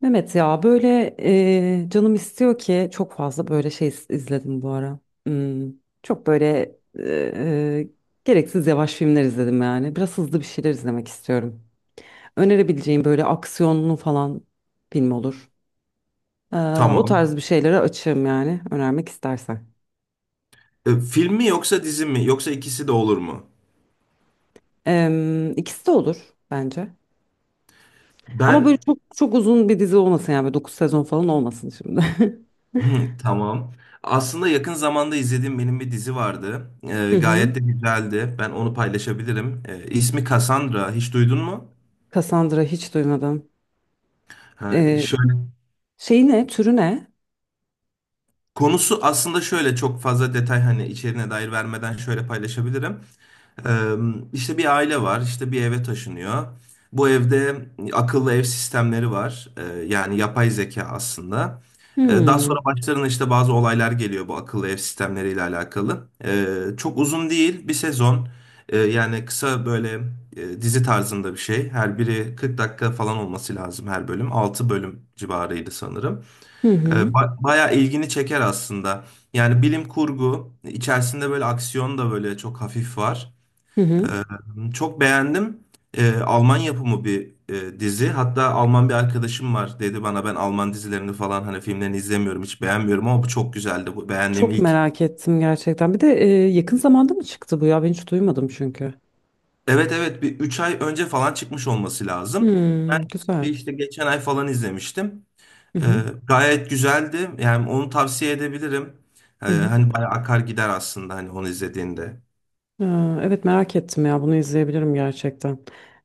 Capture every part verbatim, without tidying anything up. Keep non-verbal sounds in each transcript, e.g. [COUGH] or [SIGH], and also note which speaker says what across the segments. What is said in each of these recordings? Speaker 1: Mehmet ya böyle e, canım istiyor ki çok fazla böyle şey iz- izledim bu ara. Hmm, Çok böyle e, e, gereksiz yavaş filmler izledim yani. Biraz hızlı bir şeyler izlemek istiyorum. Önerebileceğim böyle aksiyonlu falan film olur. Ee, O
Speaker 2: Tamam.
Speaker 1: tarz bir şeylere açığım yani önermek istersen.
Speaker 2: E, film mi yoksa dizi mi? Yoksa ikisi de olur mu?
Speaker 1: Em, ikisi de olur bence. Ama
Speaker 2: Ben
Speaker 1: böyle çok çok uzun bir dizi olmasın yani böyle dokuz sezon falan olmasın şimdi. [LAUGHS]
Speaker 2: [LAUGHS] tamam. Aslında yakın zamanda izlediğim benim bir dizi vardı. E,
Speaker 1: Hı hı.
Speaker 2: gayet de güzeldi. Ben onu paylaşabilirim. E, ismi Cassandra. Hiç duydun mu?
Speaker 1: Cassandra hiç duymadım.
Speaker 2: Ha,
Speaker 1: Ee,
Speaker 2: şöyle
Speaker 1: Şey ne? Türü ne?
Speaker 2: konusu aslında şöyle çok fazla detay hani içeriğine dair vermeden şöyle paylaşabilirim. Ee, işte bir aile var, işte bir eve taşınıyor. Bu evde akıllı ev sistemleri var. Ee, yani yapay zeka aslında. Ee, daha
Speaker 1: Hmm.
Speaker 2: sonra başlarına işte bazı olaylar geliyor bu akıllı ev sistemleriyle alakalı. Ee, çok uzun değil, bir sezon. Ee, yani kısa böyle e, dizi tarzında bir şey. Her biri 40 dakika falan olması lazım her bölüm. Altı bölüm civarıydı sanırım.
Speaker 1: Hı hı.
Speaker 2: Ee, ba- bayağı ilgini çeker aslında. Yani bilim kurgu, içerisinde böyle aksiyon da böyle çok hafif var.
Speaker 1: Hı hı.
Speaker 2: Çok beğendim. Ee, Alman yapımı bir e, dizi. Hatta Alman bir arkadaşım var, dedi bana ben Alman dizilerini falan hani filmlerini izlemiyorum, hiç beğenmiyorum, ama bu çok güzeldi. Bu beğendiğim
Speaker 1: Çok
Speaker 2: ilk.
Speaker 1: merak ettim gerçekten. Bir de e, yakın zamanda mı çıktı bu ya? Ben hiç duymadım çünkü.
Speaker 2: Evet, evet, bir üç ay önce falan çıkmış olması lazım. Ben
Speaker 1: Hmm,
Speaker 2: bir
Speaker 1: güzel.
Speaker 2: işte geçen ay falan izlemiştim.
Speaker 1: Hı
Speaker 2: Ee,
Speaker 1: hı.
Speaker 2: Gayet güzeldi. Yani onu tavsiye edebilirim. Ee,
Speaker 1: Hı hı.
Speaker 2: hani bayağı akar gider aslında hani onu izlediğinde.
Speaker 1: Aa, evet merak ettim ya. Bunu izleyebilirim gerçekten.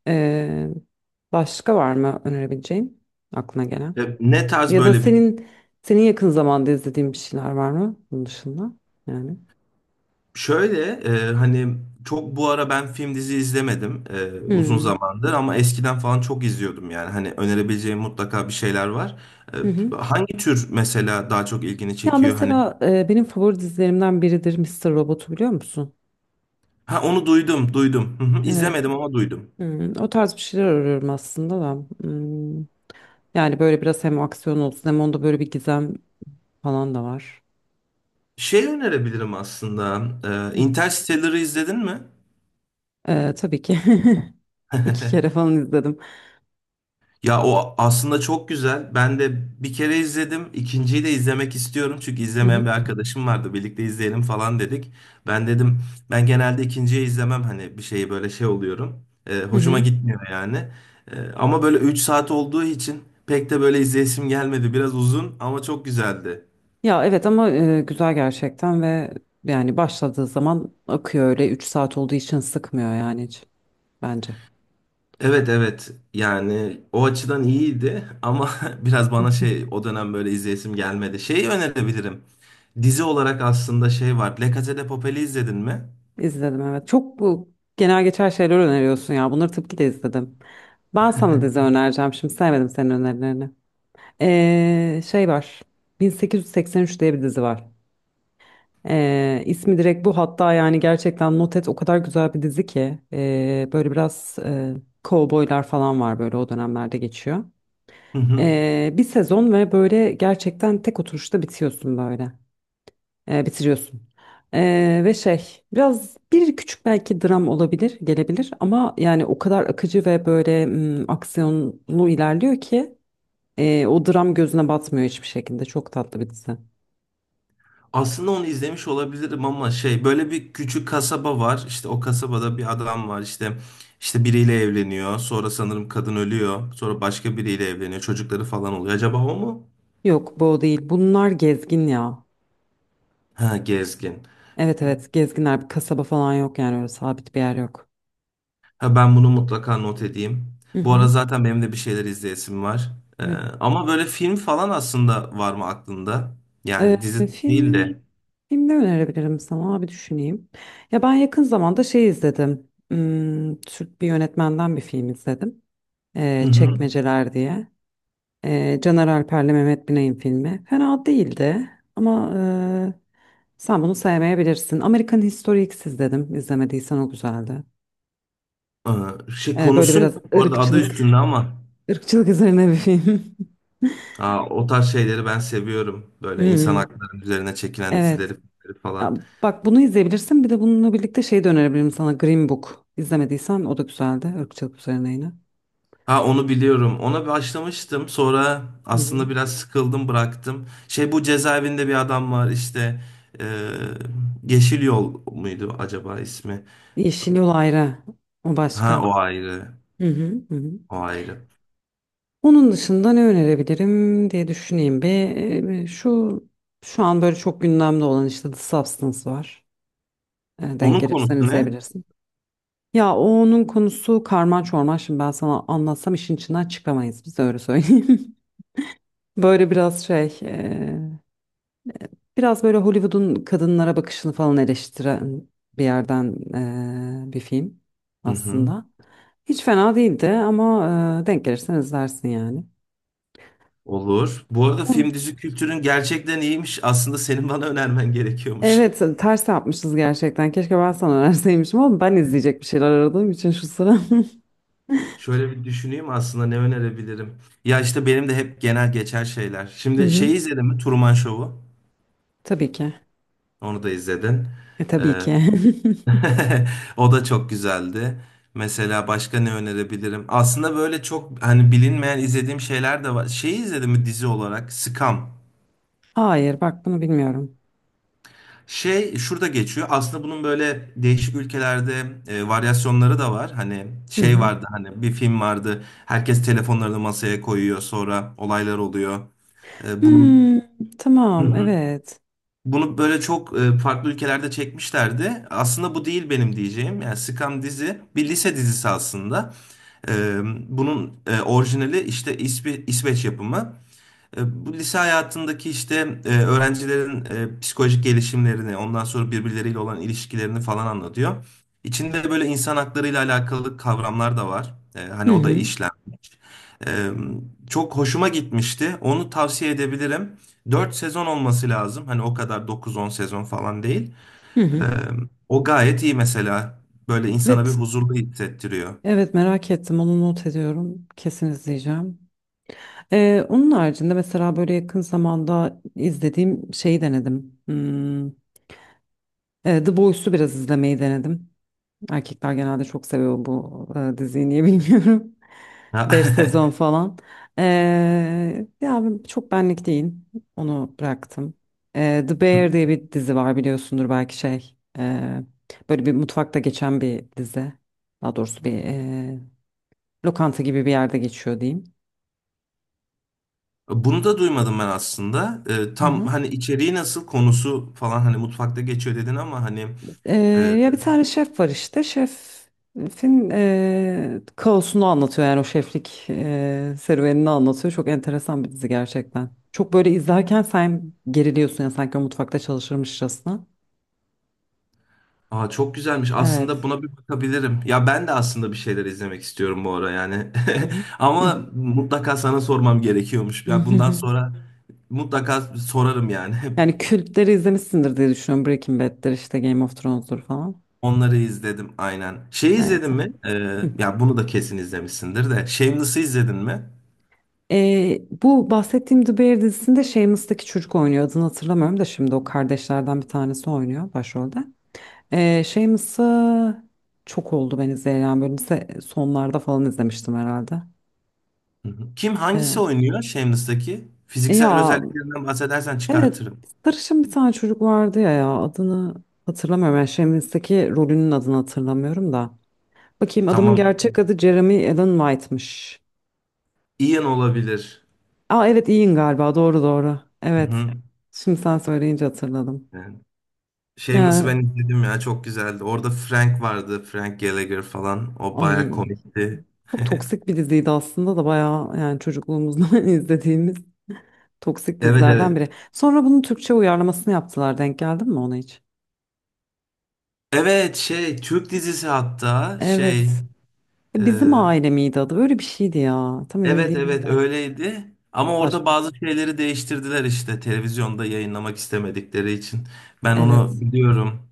Speaker 1: Ee, Başka var mı önerebileceğin aklına gelen?
Speaker 2: Ee, ne tarz
Speaker 1: Ya da
Speaker 2: böyle bir
Speaker 1: senin senin yakın zamanda izlediğin bir şeyler var mı bunun dışında? Yani.
Speaker 2: şöyle e, hani çok bu ara ben film dizi izlemedim e, uzun
Speaker 1: Hmm.
Speaker 2: zamandır, ama eskiden falan çok izliyordum, yani hani önerebileceğim mutlaka bir şeyler var.
Speaker 1: Hı
Speaker 2: E,
Speaker 1: hı.
Speaker 2: Hangi tür mesela daha çok ilgini
Speaker 1: Ya
Speaker 2: çekiyor hani?
Speaker 1: mesela e, benim favori dizilerimden biridir Mister Robot'u biliyor musun?
Speaker 2: Ha, onu duydum duydum. Hı hı, İzlemedim ama duydum.
Speaker 1: Hmm, o tarz bir şeyler arıyorum aslında da. Hmm, Yani böyle biraz hem aksiyon olsun hem onda böyle bir gizem falan da var.
Speaker 2: Şey önerebilirim aslında. E,
Speaker 1: Hı.
Speaker 2: Interstellar'ı izledin mi?
Speaker 1: Ee, tabii ki. [LAUGHS] İki kere
Speaker 2: [LAUGHS]
Speaker 1: falan izledim.
Speaker 2: Ya o aslında çok güzel. Ben de bir kere izledim. İkinciyi de izlemek istiyorum. Çünkü
Speaker 1: Hı
Speaker 2: izlemeyen
Speaker 1: hı,
Speaker 2: bir arkadaşım vardı. Birlikte izleyelim falan dedik. Ben dedim ben genelde ikinciyi izlemem. Hani bir şeyi böyle şey oluyorum. Ee,
Speaker 1: hı
Speaker 2: hoşuma
Speaker 1: hı.
Speaker 2: gitmiyor yani. Ee, ama böyle üç saat olduğu için pek de böyle izleyesim gelmedi. Biraz uzun ama çok güzeldi.
Speaker 1: Ya evet ama e, güzel gerçekten ve yani başladığı zaman akıyor öyle üç saat olduğu için sıkmıyor yani hiç bence.
Speaker 2: Evet, evet, yani o açıdan iyiydi ama [LAUGHS] biraz
Speaker 1: Hı
Speaker 2: bana
Speaker 1: hı.
Speaker 2: şey o dönem böyle izleyesim gelmedi. Şeyi önerebilirim. Dizi olarak aslında şey var. La Casa de Papel'i izledin mi?
Speaker 1: İzledim evet. Çok bu genel geçer şeyler öneriyorsun ya. Bunları tabii ki de izledim. Ben sana dizi önereceğim. Şimdi sevmedim senin önerilerini. Ee, şey var. bin sekiz yüz seksen üç diye bir dizi var. Ee, ismi direkt bu hatta yani gerçekten not et o kadar güzel bir dizi ki ee, böyle biraz e, kovboylar falan var böyle o dönemlerde geçiyor.
Speaker 2: Hı hı.
Speaker 1: Ee, bir sezon ve böyle gerçekten tek oturuşta bitiyorsun böyle. Ee, bitiriyorsun. Ee, ve şey biraz bir küçük belki dram olabilir gelebilir ama yani o kadar akıcı ve böyle mm, aksiyonlu ilerliyor ki. Ee, o dram gözüne batmıyor hiçbir şekilde. Çok tatlı bir dizi.
Speaker 2: Aslında onu izlemiş olabilirim ama şey böyle bir küçük kasaba var. İşte o kasabada bir adam var, işte işte biriyle evleniyor. Sonra sanırım kadın ölüyor. Sonra başka biriyle evleniyor. Çocukları falan oluyor. Acaba o mu?
Speaker 1: Yok bu o değil. Bunlar gezgin ya.
Speaker 2: Ha, gezgin.
Speaker 1: Evet, evet gezginler. Bir kasaba falan yok yani öyle sabit bir yer yok.
Speaker 2: Ha, ben bunu mutlaka not edeyim.
Speaker 1: Hı
Speaker 2: Bu ara
Speaker 1: hı.
Speaker 2: zaten benim de bir şeyler izleyesim var. Ee,
Speaker 1: Evet.
Speaker 2: Ama böyle film falan aslında var mı aklında? Yani
Speaker 1: Ee,
Speaker 2: dizi değil
Speaker 1: film,
Speaker 2: de.
Speaker 1: film ne önerebilirim sana? Bir düşüneyim. Ya ben yakın zamanda şey izledim. Hmm, Türk bir yönetmenden bir film izledim.
Speaker 2: Hı
Speaker 1: Ee,
Speaker 2: hı.
Speaker 1: Çekmeceler diye. Ee, Caner Alper'le Mehmet Binay'ın filmi. Fena değildi ama e, sen bunu sevmeyebilirsin. American History X dedim. İzlemediysen o güzeldi.
Speaker 2: Ee, şey
Speaker 1: Ee, böyle
Speaker 2: konusu ne?
Speaker 1: biraz
Speaker 2: Bu arada adı üstünde
Speaker 1: ırkçılık,
Speaker 2: ama.
Speaker 1: ırkçılık üzerine bir film. [LAUGHS]
Speaker 2: Aa, o tarz şeyleri ben seviyorum. Böyle insan
Speaker 1: Hmm,
Speaker 2: hakları üzerine çekilen dizileri
Speaker 1: evet.
Speaker 2: filmleri
Speaker 1: Ya,
Speaker 2: falan.
Speaker 1: bak bunu izleyebilirsin. Bir de bununla birlikte şey de önerebilirim sana. Green Book. İzlemediysen o da güzeldi. Irkçılık üzerine yine.
Speaker 2: Ha, onu biliyorum. Ona başlamıştım. Sonra
Speaker 1: Hı hı.
Speaker 2: aslında biraz sıkıldım, bıraktım. Şey, bu cezaevinde bir adam var işte. Ee, Yeşil Yol muydu acaba ismi?
Speaker 1: Yeşil Yol ayrı. O
Speaker 2: Ha,
Speaker 1: başka.
Speaker 2: o ayrı.
Speaker 1: Hı hı, hı hı.
Speaker 2: O ayrı.
Speaker 1: Onun dışında ne önerebilirim diye düşüneyim bir. Ee, Şu şu an böyle çok gündemde olan işte The Substance var. Ee, Denk
Speaker 2: Onun
Speaker 1: gelirsen
Speaker 2: konusu ne?
Speaker 1: izleyebilirsin. Ya o onun konusu karman çorman. Şimdi ben sana anlatsam işin içinden çıkamayız. Biz öyle söyleyeyim. [LAUGHS] Böyle biraz şey, e, biraz böyle Hollywood'un kadınlara bakışını falan eleştiren bir yerden e, bir film
Speaker 2: Hı hı.
Speaker 1: aslında. Hiç fena değildi ama e, denk gelirsen izlersin yani.
Speaker 2: Olur. Bu arada film
Speaker 1: On-
Speaker 2: dizi kültürün gerçekten iyiymiş. Aslında senin bana önermen gerekiyormuş.
Speaker 1: Evet, ters yapmışız gerçekten. Keşke ben sana önerseymişim ama ben izleyecek bir şeyler aradığım için şu sıra.
Speaker 2: Şöyle bir düşüneyim aslında ne önerebilirim. Ya işte benim de hep genel geçer şeyler.
Speaker 1: [LAUGHS] Hı
Speaker 2: Şimdi
Speaker 1: hı.
Speaker 2: şeyi izledin mi? Truman Show'u.
Speaker 1: Tabii ki.
Speaker 2: Onu da izledin.
Speaker 1: E, tabii
Speaker 2: Ee,
Speaker 1: ki.
Speaker 2: [LAUGHS] O da çok güzeldi. Mesela başka ne önerebilirim? Aslında böyle çok hani bilinmeyen izlediğim şeyler de var. Şeyi izledin mi dizi olarak? Scam.
Speaker 1: [LAUGHS] Hayır, bak bunu bilmiyorum.
Speaker 2: Şey şurada geçiyor. Aslında bunun böyle değişik ülkelerde e, varyasyonları da var. Hani
Speaker 1: Hı
Speaker 2: şey
Speaker 1: hı.
Speaker 2: vardı, hani bir film vardı. Herkes telefonlarını masaya koyuyor. Sonra olaylar oluyor. E, bunun
Speaker 1: Hmm,
Speaker 2: hı
Speaker 1: tamam,
Speaker 2: hı.
Speaker 1: evet.
Speaker 2: Bunu böyle çok e, farklı ülkelerde çekmişlerdi. Aslında bu değil benim diyeceğim. Yani Scam dizi bir lise dizisi aslında. E, Bunun e, orijinali işte İsvi- İsveç yapımı. E, Bu lise hayatındaki işte e, öğrencilerin e, psikolojik gelişimlerini, ondan sonra birbirleriyle olan ilişkilerini falan anlatıyor. İçinde böyle insan haklarıyla alakalı kavramlar da var. E, Hani
Speaker 1: Hı
Speaker 2: o da
Speaker 1: hı,
Speaker 2: işlenmiş. E, Çok hoşuma gitmişti. Onu tavsiye edebilirim. Dört sezon olması lazım. Hani o kadar dokuz on sezon falan değil.
Speaker 1: hı
Speaker 2: E,
Speaker 1: hı.
Speaker 2: O gayet iyi mesela. Böyle insana bir
Speaker 1: Evet,
Speaker 2: huzurlu hissettiriyor. [LAUGHS]
Speaker 1: evet merak ettim. Onu not ediyorum. Kesin izleyeceğim. Ee, onun haricinde mesela böyle yakın zamanda izlediğim şeyi denedim. Hmm, e, The Boys'u biraz izlemeyi denedim. Erkekler genelde çok seviyor bu e, diziyi niye bilmiyorum. [LAUGHS]
Speaker 2: Ha,
Speaker 1: beş sezon falan. Ee, Ya ben- çok benlik değil. Onu bıraktım. Ee, The Bear
Speaker 2: [LAUGHS]
Speaker 1: diye bir dizi var biliyorsundur belki şey. Ee, böyle bir mutfakta geçen bir dizi. Daha doğrusu bir e, lokanta gibi bir yerde geçiyor diyeyim.
Speaker 2: bunu da duymadım ben aslında. Ee,
Speaker 1: Hı
Speaker 2: tam
Speaker 1: hı.
Speaker 2: hani içeriği nasıl, konusu falan, hani mutfakta geçiyor dedin ama hani
Speaker 1: Ee,
Speaker 2: e,
Speaker 1: Ya bir tane şef var işte. Şefin e, kaosunu anlatıyor yani o şeflik e, serüvenini anlatıyor. Çok enteresan bir dizi gerçekten. Çok böyle izlerken sen geriliyorsun ya sanki o mutfakta çalışırmışçasına.
Speaker 2: aa, çok güzelmiş. Aslında
Speaker 1: Evet.
Speaker 2: buna bir bakabilirim. Ya ben de aslında bir şeyler izlemek istiyorum bu ara yani.
Speaker 1: Hı
Speaker 2: [LAUGHS]
Speaker 1: hı. Hı
Speaker 2: Ama mutlaka sana sormam gerekiyormuş.
Speaker 1: hı,
Speaker 2: Ya
Speaker 1: hı
Speaker 2: bundan
Speaker 1: hı.
Speaker 2: sonra mutlaka sorarım yani. [LAUGHS]
Speaker 1: Yani kültleri izlemişsindir diye düşünüyorum. Breaking Bad'dir işte Game of Thrones'dur falan.
Speaker 2: Onları izledim aynen. Şey
Speaker 1: Evet.
Speaker 2: izledin mi? Ee,
Speaker 1: Hı.
Speaker 2: ya bunu da kesin izlemişsindir de. Shameless'ı izledin mi?
Speaker 1: Ee, bu bahsettiğim The Bear dizisinde Shameless'taki çocuk oynuyor. Adını hatırlamıyorum da şimdi o kardeşlerden bir tanesi oynuyor başrolde. Ee, şey mısı çok oldu ben izleyen böyle lise sonlarda falan izlemiştim herhalde.
Speaker 2: Hı hı. Kim, hangisi
Speaker 1: Ee,
Speaker 2: oynuyor Shameless'taki?
Speaker 1: e
Speaker 2: Fiziksel
Speaker 1: Ya
Speaker 2: özelliklerinden bahsedersen
Speaker 1: evet
Speaker 2: çıkartırım.
Speaker 1: sarışın bir tane çocuk vardı ya ya adını hatırlamıyorum. Yani Shameless'teki rolünün adını hatırlamıyorum da. Bakayım adamın
Speaker 2: Tamam.
Speaker 1: gerçek adı Jeremy Allen White'mış.
Speaker 2: Ian olabilir.
Speaker 1: Aa evet Ian galiba doğru, doğru.
Speaker 2: Hı
Speaker 1: Evet
Speaker 2: hı.
Speaker 1: şimdi sen söyleyince hatırladım.
Speaker 2: Yani Shameless'ı
Speaker 1: Ee,
Speaker 2: ben izledim, ya çok güzeldi. Orada Frank vardı. Frank Gallagher falan. O
Speaker 1: Ay
Speaker 2: baya komikti.
Speaker 1: çok toksik bir diziydi aslında da bayağı yani çocukluğumuzdan [LAUGHS] izlediğimiz. Toksik
Speaker 2: Evet,
Speaker 1: dizilerden biri.
Speaker 2: evet.
Speaker 1: Sonra bunun Türkçe uyarlamasını yaptılar. Denk geldin mi ona hiç?
Speaker 2: Evet, şey Türk dizisi hatta şey
Speaker 1: Evet. E,
Speaker 2: e,
Speaker 1: Bizim aile miydi adı? Öyle bir şeydi ya. Tam emin
Speaker 2: evet,
Speaker 1: değilim
Speaker 2: evet,
Speaker 1: de.
Speaker 2: öyleydi. Ama orada
Speaker 1: Saçma.
Speaker 2: bazı şeyleri değiştirdiler işte televizyonda yayınlamak istemedikleri için. Ben
Speaker 1: Evet.
Speaker 2: onu biliyorum.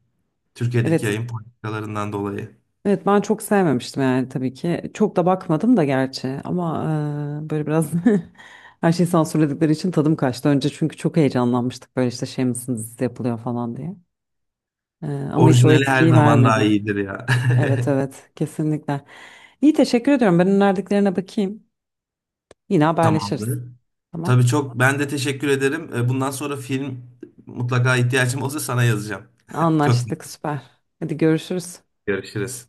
Speaker 2: Türkiye'deki
Speaker 1: Evet.
Speaker 2: yayın politikalarından dolayı.
Speaker 1: Evet ben çok sevmemiştim yani tabii ki. Çok da bakmadım da gerçi ama e, böyle biraz [LAUGHS] her şeyi sansürledikleri için tadım kaçtı. Önce çünkü çok heyecanlanmıştık böyle işte şey mısın dizisi yapılıyor falan diye. E, Ama hiç o
Speaker 2: Orijinali her
Speaker 1: etkiyi
Speaker 2: zaman daha
Speaker 1: vermedi.
Speaker 2: iyidir ya.
Speaker 1: Evet, evet kesinlikle. İyi, teşekkür ediyorum. Ben önerdiklerine bakayım. Yine
Speaker 2: [LAUGHS]
Speaker 1: haberleşiriz.
Speaker 2: Tamamdır.
Speaker 1: Tamam.
Speaker 2: Tabii, çok ben de teşekkür ederim. E, Bundan sonra film mutlaka ihtiyacım olursa sana yazacağım. [LAUGHS] Çok
Speaker 1: Anlaştık süper. Hadi görüşürüz.
Speaker 2: görüşürüz.